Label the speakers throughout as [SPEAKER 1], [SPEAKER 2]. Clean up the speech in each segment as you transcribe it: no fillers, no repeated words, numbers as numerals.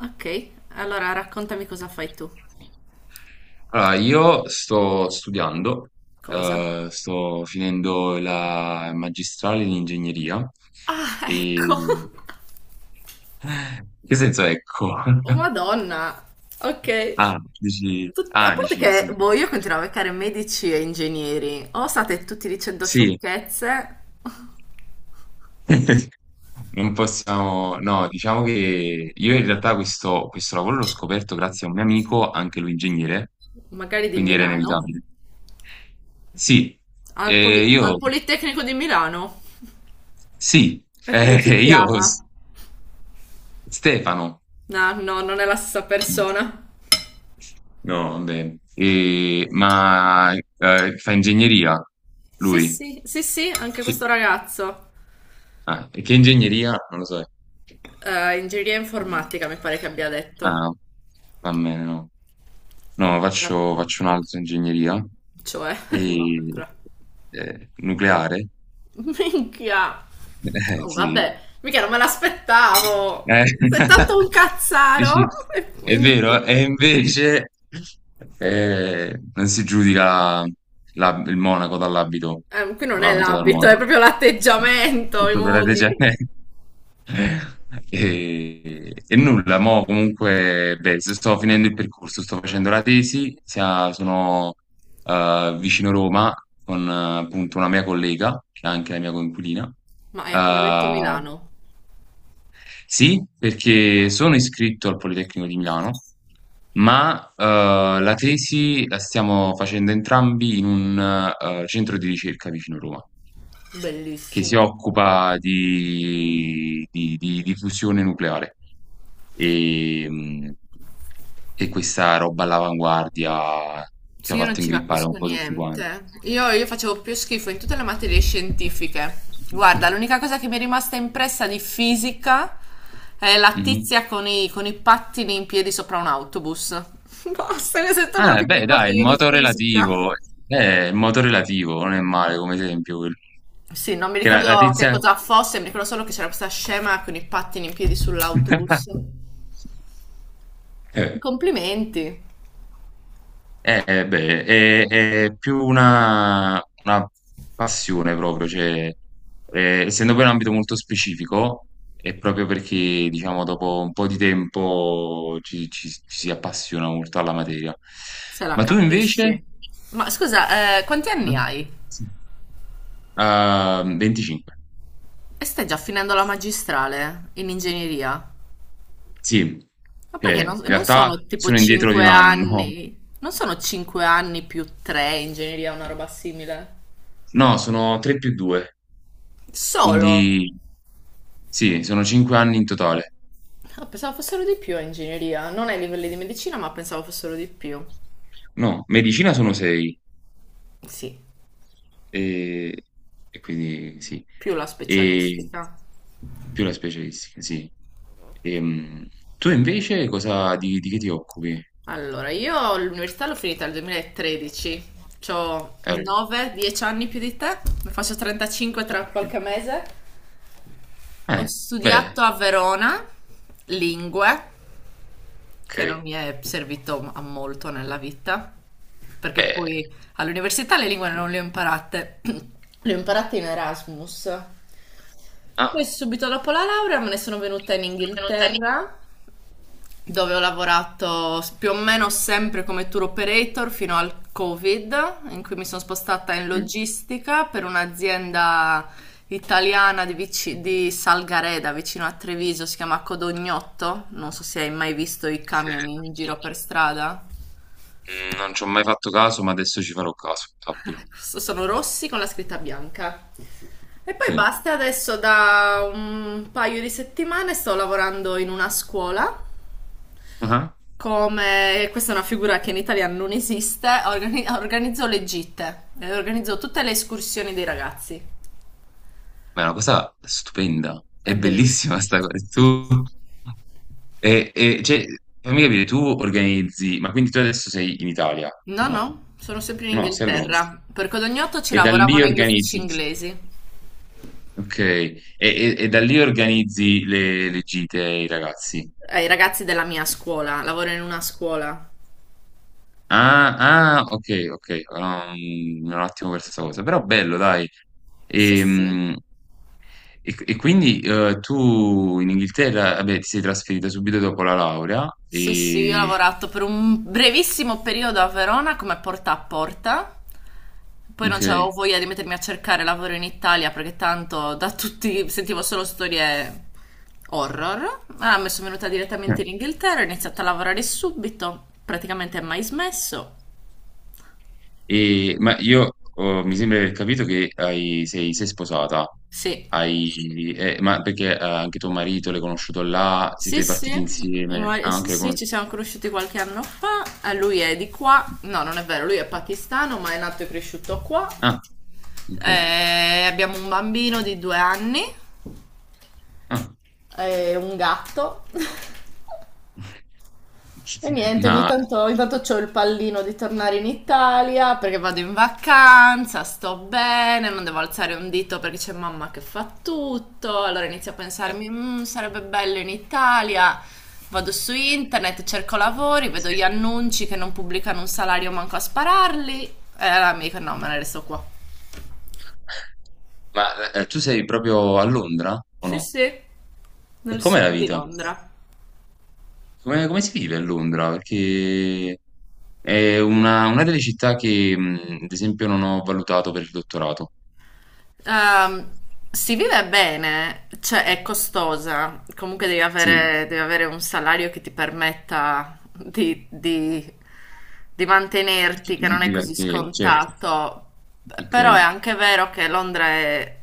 [SPEAKER 1] Ok, allora raccontami cosa fai tu.
[SPEAKER 2] Allora, io sto studiando,
[SPEAKER 1] Cosa?
[SPEAKER 2] sto finendo la magistrale in ingegneria
[SPEAKER 1] Ah, ecco.
[SPEAKER 2] e... in che senso, ecco?
[SPEAKER 1] Oh, Madonna. Ok. A
[SPEAKER 2] Ah,
[SPEAKER 1] parte
[SPEAKER 2] dici
[SPEAKER 1] che,
[SPEAKER 2] sì.
[SPEAKER 1] boh, io continuo a beccare medici e ingegneri. O state tutti dicendo
[SPEAKER 2] Sì.
[SPEAKER 1] sciocchezze,
[SPEAKER 2] Non possiamo... No, diciamo che io in realtà questo lavoro l'ho scoperto grazie a un mio amico, anche lui ingegnere,
[SPEAKER 1] magari di
[SPEAKER 2] quindi era
[SPEAKER 1] Milano,
[SPEAKER 2] inevitabile. Sì. eh,
[SPEAKER 1] Al
[SPEAKER 2] io...
[SPEAKER 1] Politecnico di Milano.
[SPEAKER 2] Sì.
[SPEAKER 1] E come si
[SPEAKER 2] eh, io...
[SPEAKER 1] chiama?
[SPEAKER 2] S- Stefano.
[SPEAKER 1] No, no, non è la stessa persona.
[SPEAKER 2] No, vabbè. Ma fa ingegneria
[SPEAKER 1] Sì,
[SPEAKER 2] lui?
[SPEAKER 1] sì, sì, sì, anche
[SPEAKER 2] Che-
[SPEAKER 1] questo ragazzo.
[SPEAKER 2] Ah, e che ingegneria? Non lo so.
[SPEAKER 1] Ingegneria
[SPEAKER 2] Mm.
[SPEAKER 1] informatica, mi pare che abbia detto.
[SPEAKER 2] Ah, va bene, no. No,
[SPEAKER 1] La-
[SPEAKER 2] faccio un'altra ingegneria
[SPEAKER 1] Cioè, no,
[SPEAKER 2] e,
[SPEAKER 1] però.
[SPEAKER 2] eh, nucleare.
[SPEAKER 1] Minchia. Oh,
[SPEAKER 2] Sì.
[SPEAKER 1] vabbè. Mica non me l'aspettavo.
[SPEAKER 2] Eh,
[SPEAKER 1] Sei tanto un
[SPEAKER 2] dici,
[SPEAKER 1] cazzaro.
[SPEAKER 2] è vero, e invece non si giudica il monaco dall'abito,
[SPEAKER 1] Eh, qui non è
[SPEAKER 2] l'abito dal
[SPEAKER 1] l'abito, è
[SPEAKER 2] monaco.
[SPEAKER 1] proprio
[SPEAKER 2] Se
[SPEAKER 1] l'atteggiamento, i
[SPEAKER 2] trovate
[SPEAKER 1] modi.
[SPEAKER 2] gente- E nulla, mo comunque, beh, sto finendo il percorso, sto facendo la tesi, sono vicino Roma con appunto una mia collega, che è anche la mia coinquilina.
[SPEAKER 1] Ma hai appena detto
[SPEAKER 2] eh,
[SPEAKER 1] Milano.
[SPEAKER 2] sì, perché sono iscritto al Politecnico di Milano, ma la tesi la stiamo facendo entrambi in un centro di ricerca vicino Roma, che si
[SPEAKER 1] Bellissimo.
[SPEAKER 2] occupa di fusione nucleare e, mh, e questa roba all'avanguardia ci
[SPEAKER 1] Sì,
[SPEAKER 2] ha
[SPEAKER 1] io non
[SPEAKER 2] fatto
[SPEAKER 1] ci
[SPEAKER 2] ingrippare un
[SPEAKER 1] capisco
[SPEAKER 2] po' tutti quanti.
[SPEAKER 1] niente. Io facevo più schifo in tutte le materie scientifiche. Guarda, l'unica cosa che mi è rimasta impressa di fisica è la
[SPEAKER 2] Mhm.
[SPEAKER 1] tizia con i pattini in piedi sopra un autobus. Basta, questo è tutto quello che mi
[SPEAKER 2] Beh,
[SPEAKER 1] ricordo
[SPEAKER 2] dai, il
[SPEAKER 1] io di
[SPEAKER 2] moto
[SPEAKER 1] fisica.
[SPEAKER 2] relativo. Il moto relativo non è male come esempio quello.
[SPEAKER 1] Sì, non mi
[SPEAKER 2] Che la
[SPEAKER 1] ricordo che
[SPEAKER 2] tizia...
[SPEAKER 1] cosa fosse, mi ricordo solo che c'era questa scema con i pattini in piedi sull'autobus.
[SPEAKER 2] Eh,
[SPEAKER 1] Complimenti,
[SPEAKER 2] Beh, è più una passione proprio, cioè, essendo poi un ambito molto specifico, è proprio perché, diciamo, dopo un po' di tempo ci si appassiona molto alla materia.
[SPEAKER 1] se la
[SPEAKER 2] Ma tu invece?
[SPEAKER 1] capisci. Ma scusa, quanti anni
[SPEAKER 2] Eh?
[SPEAKER 1] hai?
[SPEAKER 2] Sì. Ah, 25.
[SPEAKER 1] E stai già finendo la magistrale in ingegneria?
[SPEAKER 2] Sì,
[SPEAKER 1] Ma perché non,
[SPEAKER 2] che in
[SPEAKER 1] non
[SPEAKER 2] realtà
[SPEAKER 1] sono tipo
[SPEAKER 2] sono indietro di
[SPEAKER 1] 5
[SPEAKER 2] un anno.
[SPEAKER 1] anni? Non sono 5 anni più 3 ingegneria, una roba simile?
[SPEAKER 2] No, sono 3 più 2,
[SPEAKER 1] Solo?
[SPEAKER 2] quindi sì, sono 5 anni in totale.
[SPEAKER 1] Ah, pensavo fossero di più a ingegneria, non ai livelli di medicina, ma pensavo fossero di più.
[SPEAKER 2] No, medicina sono 6
[SPEAKER 1] Sì,
[SPEAKER 2] e, e quindi sì,
[SPEAKER 1] più la
[SPEAKER 2] e
[SPEAKER 1] specialistica.
[SPEAKER 2] più la specialistica, sì. Ehm, Tu invece cosa, di che ti occupi?
[SPEAKER 1] Allora, io l'università l'ho finita nel 2013, ho
[SPEAKER 2] Eh,
[SPEAKER 1] 9-10 anni più di te, ne faccio 35 tra
[SPEAKER 2] ok.
[SPEAKER 1] qualche mese. Ho
[SPEAKER 2] Eh, beh,
[SPEAKER 1] studiato a Verona lingue, che non
[SPEAKER 2] ok.
[SPEAKER 1] mi è servito a molto nella vita, perché
[SPEAKER 2] Beh,
[SPEAKER 1] poi all'università le lingue non le ho imparate. Le ho imparate in Erasmus. Poi
[SPEAKER 2] ah,
[SPEAKER 1] subito dopo la laurea me ne sono venuta in Inghilterra, dove ho lavorato più o meno sempre come tour operator fino al Covid, in cui mi sono spostata in logistica per un'azienda italiana di Salgareda, vicino a Treviso, si chiama Codognotto. Non so se hai mai visto i camion in giro
[SPEAKER 2] ok.
[SPEAKER 1] per strada.
[SPEAKER 2] Mm, non ci ho mai fatto caso, ma adesso ci farò caso, sappilo.
[SPEAKER 1] Sono rossi con la scritta bianca. E
[SPEAKER 2] Ok.
[SPEAKER 1] poi basta, adesso da un paio di settimane sto lavorando in una scuola
[SPEAKER 2] Ah-ah.
[SPEAKER 1] come questa, è una figura che in Italia non esiste, organizzò le gitte, organizzò tutte le escursioni dei ragazzi.
[SPEAKER 2] Ma è una cosa stupenda, è
[SPEAKER 1] È
[SPEAKER 2] bellissima
[SPEAKER 1] bellissimo.
[SPEAKER 2] sta cosa. Tu e cioè, fammi capire, tu organizzi ma quindi tu adesso sei in Italia?
[SPEAKER 1] No,
[SPEAKER 2] No.
[SPEAKER 1] no, sono sempre in
[SPEAKER 2] No, sei a. Sì, Londra. Sì.
[SPEAKER 1] Inghilterra. Per Codognoto ci
[SPEAKER 2] E da
[SPEAKER 1] lavoravo
[SPEAKER 2] lì
[SPEAKER 1] negli uffici
[SPEAKER 2] organizzi,
[SPEAKER 1] inglesi.
[SPEAKER 2] okay. E da lì organizzi le gite ai ragazzi.
[SPEAKER 1] I ragazzi della mia scuola, lavoro in una scuola.
[SPEAKER 2] Ah, ah, okay, okay. Mi ero un attimo perso sta cosa, però bello dai.
[SPEAKER 1] Sì, sì.
[SPEAKER 2] Ehm e quindi tu in Inghilterra, vabbè, ti sei trasferita subito dopo la laurea
[SPEAKER 1] Sì, sì, io ho
[SPEAKER 2] e...
[SPEAKER 1] lavorato per un brevissimo periodo a Verona come porta a porta. Poi non
[SPEAKER 2] Ok.
[SPEAKER 1] avevo voglia di mettermi a cercare lavoro in Italia perché tanto da tutti sentivo solo storie horror. Allora mi sono venuta
[SPEAKER 2] Eh.
[SPEAKER 1] direttamente in Inghilterra, ho iniziato a lavorare subito, praticamente mai smesso.
[SPEAKER 2] Ma io, oh, mi sembra di aver capito che sei sposata,
[SPEAKER 1] Sì,
[SPEAKER 2] ma perché anche tuo marito l'hai conosciuto là,
[SPEAKER 1] sì,
[SPEAKER 2] siete
[SPEAKER 1] sì,
[SPEAKER 2] partiti insieme? Ah,
[SPEAKER 1] sì,
[SPEAKER 2] anche l'hai
[SPEAKER 1] sì,
[SPEAKER 2] conosciuto.
[SPEAKER 1] ci siamo conosciuti qualche anno fa. Lui è di qua, no, non è vero, lui è pakistano, ma è nato e cresciuto qua.
[SPEAKER 2] Ah, ok.
[SPEAKER 1] Abbiamo un bambino di 2 anni
[SPEAKER 2] Ah.
[SPEAKER 1] e un gatto. E niente,
[SPEAKER 2] Ma,
[SPEAKER 1] ogni tanto c'ho il pallino di tornare in Italia. Perché vado in vacanza, sto bene, non devo alzare un dito perché c'è mamma che fa tutto. Allora inizio a
[SPEAKER 2] eh,
[SPEAKER 1] pensarmi: "Mm, sarebbe bello in Italia." Vado su internet, cerco lavori, vedo gli annunci che non pubblicano un salario manco a spararli. E allora mi dico no, me ne resto qua.
[SPEAKER 2] ma, tu sei proprio a Londra o
[SPEAKER 1] Sì,
[SPEAKER 2] no?
[SPEAKER 1] sì,
[SPEAKER 2] E
[SPEAKER 1] nel
[SPEAKER 2] com'è la
[SPEAKER 1] sud di
[SPEAKER 2] vita?
[SPEAKER 1] Londra.
[SPEAKER 2] Come si vive a Londra? Perché è una delle città che, ad esempio, non ho valutato per il dottorato.
[SPEAKER 1] Ehm, si vive bene, cioè è costosa, comunque devi
[SPEAKER 2] Sì,
[SPEAKER 1] avere, devi avere un salario che ti permetta di mantenerti, che non è così
[SPEAKER 2] certo.
[SPEAKER 1] scontato,
[SPEAKER 2] Ok.
[SPEAKER 1] però è anche vero che Londra è-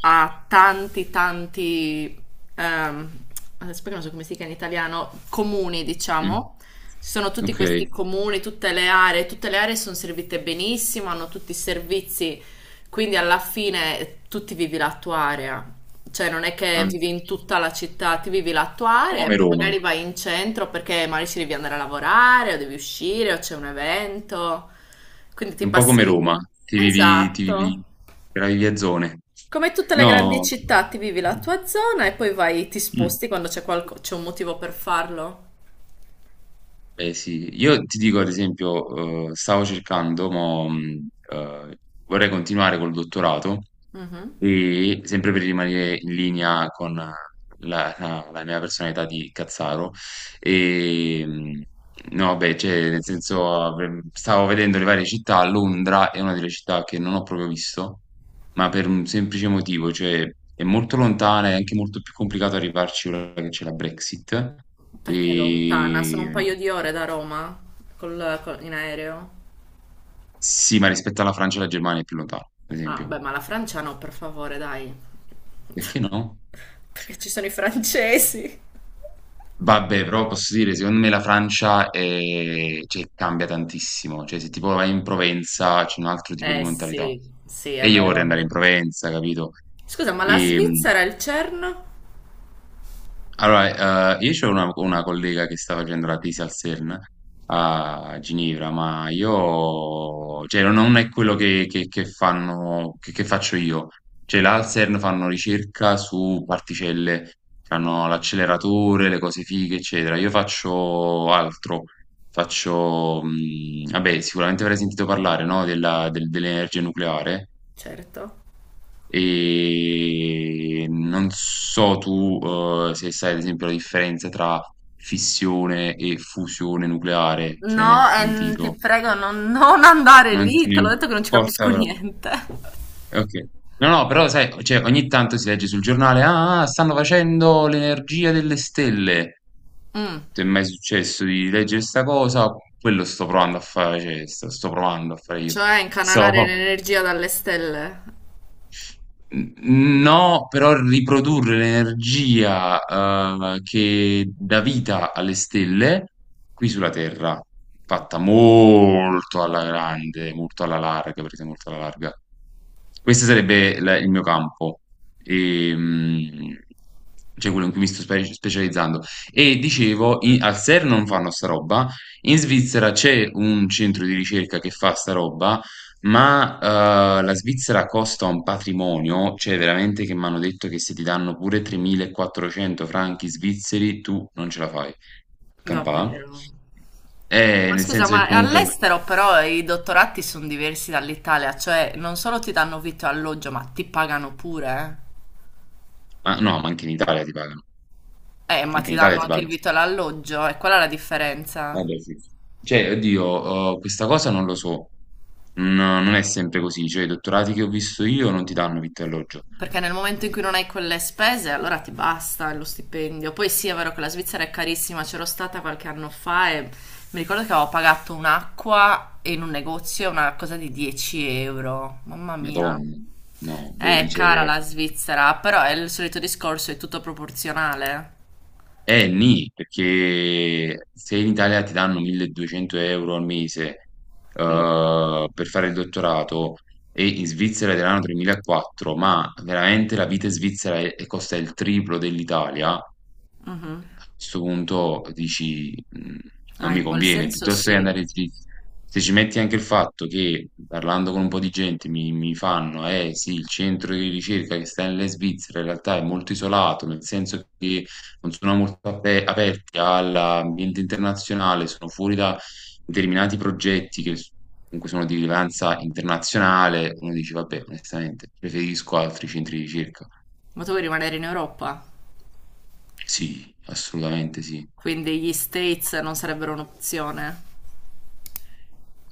[SPEAKER 1] ha tanti, tanti, ehm, adesso poi non so come si chiama in italiano, comuni,
[SPEAKER 2] Mm.
[SPEAKER 1] diciamo. Ci sono tutti questi
[SPEAKER 2] Ok.
[SPEAKER 1] comuni, tutte le aree sono servite benissimo, hanno tutti i servizi, quindi alla fine tu ti vivi la tua area, cioè non è
[SPEAKER 2] Ah,
[SPEAKER 1] che
[SPEAKER 2] un
[SPEAKER 1] vivi in tutta la città, ti vivi la tua
[SPEAKER 2] po'
[SPEAKER 1] area e
[SPEAKER 2] come
[SPEAKER 1] poi
[SPEAKER 2] Roma.
[SPEAKER 1] magari vai in centro perché magari ci devi andare a lavorare o devi uscire o c'è un evento, quindi ti
[SPEAKER 2] Un po' come Roma.
[SPEAKER 1] passi...
[SPEAKER 2] Ti vivi, ti vivi,
[SPEAKER 1] Esatto.
[SPEAKER 2] te la vivi a zone.
[SPEAKER 1] Come tutte le grandi
[SPEAKER 2] No.
[SPEAKER 1] città ti vivi la tua zona e poi vai, ti
[SPEAKER 2] Mm.
[SPEAKER 1] sposti quando c'è un motivo per farlo.
[SPEAKER 2] Beh, sì. Io ti dico, ad esempio, stavo cercando, mo, vorrei continuare col dottorato.
[SPEAKER 1] Mhm.
[SPEAKER 2] E sempre per rimanere in linea con la mia personalità di cazzaro, e, mh, no, beh, cioè, nel senso, stavo vedendo le varie città. Londra è una delle città che non ho proprio visto, ma per un semplice motivo, cioè è molto lontana, è anche molto più complicato arrivarci ora che c'è la Brexit.
[SPEAKER 1] Perché è lontana? Sono un
[SPEAKER 2] E
[SPEAKER 1] paio di ore da Roma in aereo.
[SPEAKER 2] sì, ma rispetto alla Francia e alla Germania è più lontano, per
[SPEAKER 1] Ah,
[SPEAKER 2] esempio.
[SPEAKER 1] beh, ma la Francia no, per favore, dai.
[SPEAKER 2] Perché no?
[SPEAKER 1] Perché ci sono i francesi.
[SPEAKER 2] Vabbè, però posso dire, secondo me la Francia è- cioè, cambia tantissimo. Cioè, se tipo vai in Provenza c'è un altro tipo di
[SPEAKER 1] Eh
[SPEAKER 2] mentalità.
[SPEAKER 1] sì, sì, è
[SPEAKER 2] E io vorrei
[SPEAKER 1] vero.
[SPEAKER 2] andare in Provenza, capito?
[SPEAKER 1] Scusa, ma la
[SPEAKER 2] E
[SPEAKER 1] Svizzera è il CERN?
[SPEAKER 2] allora, io c'ho una collega che sta facendo la tesi al CERN a Ginevra, ma io, cioè, non è quello che, che fanno, che faccio io. Cioè, là al CERN fanno ricerca su particelle,
[SPEAKER 1] Mm.
[SPEAKER 2] fanno l'acceleratore, le cose fighe, eccetera. Io faccio altro, faccio, vabbè, sicuramente avrei sentito parlare, no, dell'energia nucleare.
[SPEAKER 1] Certo.
[SPEAKER 2] E non so tu, se sai ad esempio la differenza tra fissione e fusione nucleare, se hai
[SPEAKER 1] No,
[SPEAKER 2] mai
[SPEAKER 1] ti
[SPEAKER 2] sentito.
[SPEAKER 1] prego, non andare
[SPEAKER 2] Non
[SPEAKER 1] lì,
[SPEAKER 2] ti
[SPEAKER 1] te l'ho detto che non ci
[SPEAKER 2] importa
[SPEAKER 1] capisco
[SPEAKER 2] però.
[SPEAKER 1] niente.
[SPEAKER 2] Ok. No, no, però sai, cioè, ogni tanto si legge sul giornale, ah, ah, stanno facendo l'energia delle stelle.
[SPEAKER 1] Mm,
[SPEAKER 2] Ti è mai successo di leggere sta cosa? Quello sto provando a fare, cioè, sto provando a fare io.
[SPEAKER 1] cioè
[SPEAKER 2] So.
[SPEAKER 1] incanalare l'energia dalle stelle?
[SPEAKER 2] N- No, però riprodurre l'energia che dà vita alle stelle qui sulla Terra, fatta molto alla grande, molto alla larga, perché molto alla larga. Questo sarebbe il mio campo, ehm, cioè quello in cui mi sto specializzando. E dicevo, al SER non fanno sta roba, in Svizzera c'è un centro di ricerca che fa sta roba, ma la Svizzera costa un patrimonio, cioè veramente che mi hanno detto che se ti danno pure 3.400 franchi svizzeri, tu non ce la fai. A campà.
[SPEAKER 1] Davvero. Ma
[SPEAKER 2] Nel
[SPEAKER 1] scusa,
[SPEAKER 2] senso che
[SPEAKER 1] ma
[SPEAKER 2] comunque,
[SPEAKER 1] all'estero però i dottorati sono diversi dall'Italia, cioè non solo ti danno vitto e alloggio, ma ti pagano pure, eh?
[SPEAKER 2] ma no, ma anche in Italia ti pagano,
[SPEAKER 1] Ma
[SPEAKER 2] anche
[SPEAKER 1] ti
[SPEAKER 2] in Italia
[SPEAKER 1] danno
[SPEAKER 2] ti
[SPEAKER 1] anche il
[SPEAKER 2] pagano.
[SPEAKER 1] vitto e l'alloggio, e quella è la
[SPEAKER 2] Eh
[SPEAKER 1] differenza.
[SPEAKER 2] beh, sì. Cioè, oddio, questa cosa non lo so. Non è sempre così. Cioè, i dottorati che ho visto io non ti danno vitto e alloggio.
[SPEAKER 1] Perché nel momento in cui non hai quelle spese, allora ti basta lo stipendio. Poi sì, è vero che la Svizzera è carissima, c'ero stata qualche anno fa e mi ricordo che avevo pagato un'acqua in un negozio, una cosa di 10 euro. Mamma mia.
[SPEAKER 2] Madonna. No, vedi,
[SPEAKER 1] È cara
[SPEAKER 2] cioè...
[SPEAKER 1] la Svizzera, però è il solito discorso, è tutto proporzionale.
[SPEAKER 2] Nì, perché se in Italia ti danno 1200 euro al mese
[SPEAKER 1] Mm,
[SPEAKER 2] per fare il dottorato e in Svizzera ti danno 3.400, ma veramente la vita in Svizzera costa il triplo dell'Italia,
[SPEAKER 1] mhm.
[SPEAKER 2] sto punto dici: "Mhmm, non
[SPEAKER 1] Ah,
[SPEAKER 2] mi
[SPEAKER 1] in quel
[SPEAKER 2] conviene",
[SPEAKER 1] senso
[SPEAKER 2] piuttosto che
[SPEAKER 1] sì.
[SPEAKER 2] andare dritti. Se ci metti anche il fatto che, parlando con un po' di gente, mi fanno: "Eh sì, il centro di ricerca che sta nella Svizzera in realtà è molto isolato, nel senso che non sono molto aperti all'ambiente internazionale, sono fuori da determinati progetti che s comunque sono di rilevanza internazionale". Uno dice: "Vabbè, onestamente preferisco altri centri di ricerca".
[SPEAKER 1] Ma tu vuoi rimanere in Europa?
[SPEAKER 2] Sì, assolutamente sì.
[SPEAKER 1] Quindi gli States non sarebbero un'opzione.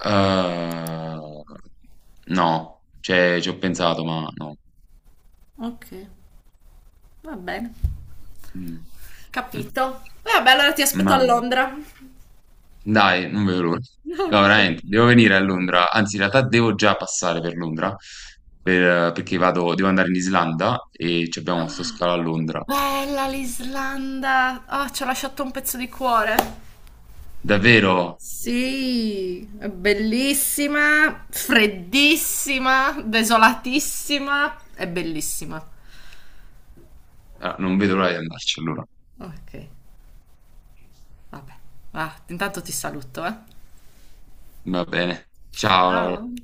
[SPEAKER 2] Eh, no, cioè ci ho pensato, ma no.
[SPEAKER 1] Ok, va bene.
[SPEAKER 2] Mm. Mm.
[SPEAKER 1] Capito. E vabbè, allora ti aspetto
[SPEAKER 2] Ma
[SPEAKER 1] a Londra.
[SPEAKER 2] dai, non vedo l'ora. No,
[SPEAKER 1] Ok.
[SPEAKER 2] veramente, devo venire a Londra, anzi in realtà devo già passare per Londra, perché vado, devo andare in Islanda e ci abbiamo sto scalo a Londra.
[SPEAKER 1] Bella l'Islanda. Ah, ci ho lasciato un pezzo di cuore.
[SPEAKER 2] Davvero,
[SPEAKER 1] Sì, è bellissima. Freddissima, desolatissima. È bellissima.
[SPEAKER 2] ah, non vedo l'ora di andarci allora.
[SPEAKER 1] Ok. Vabbè. Ah, intanto ti saluto, eh.
[SPEAKER 2] Va bene,
[SPEAKER 1] Ciao.
[SPEAKER 2] ciao Laura.
[SPEAKER 1] Ciao.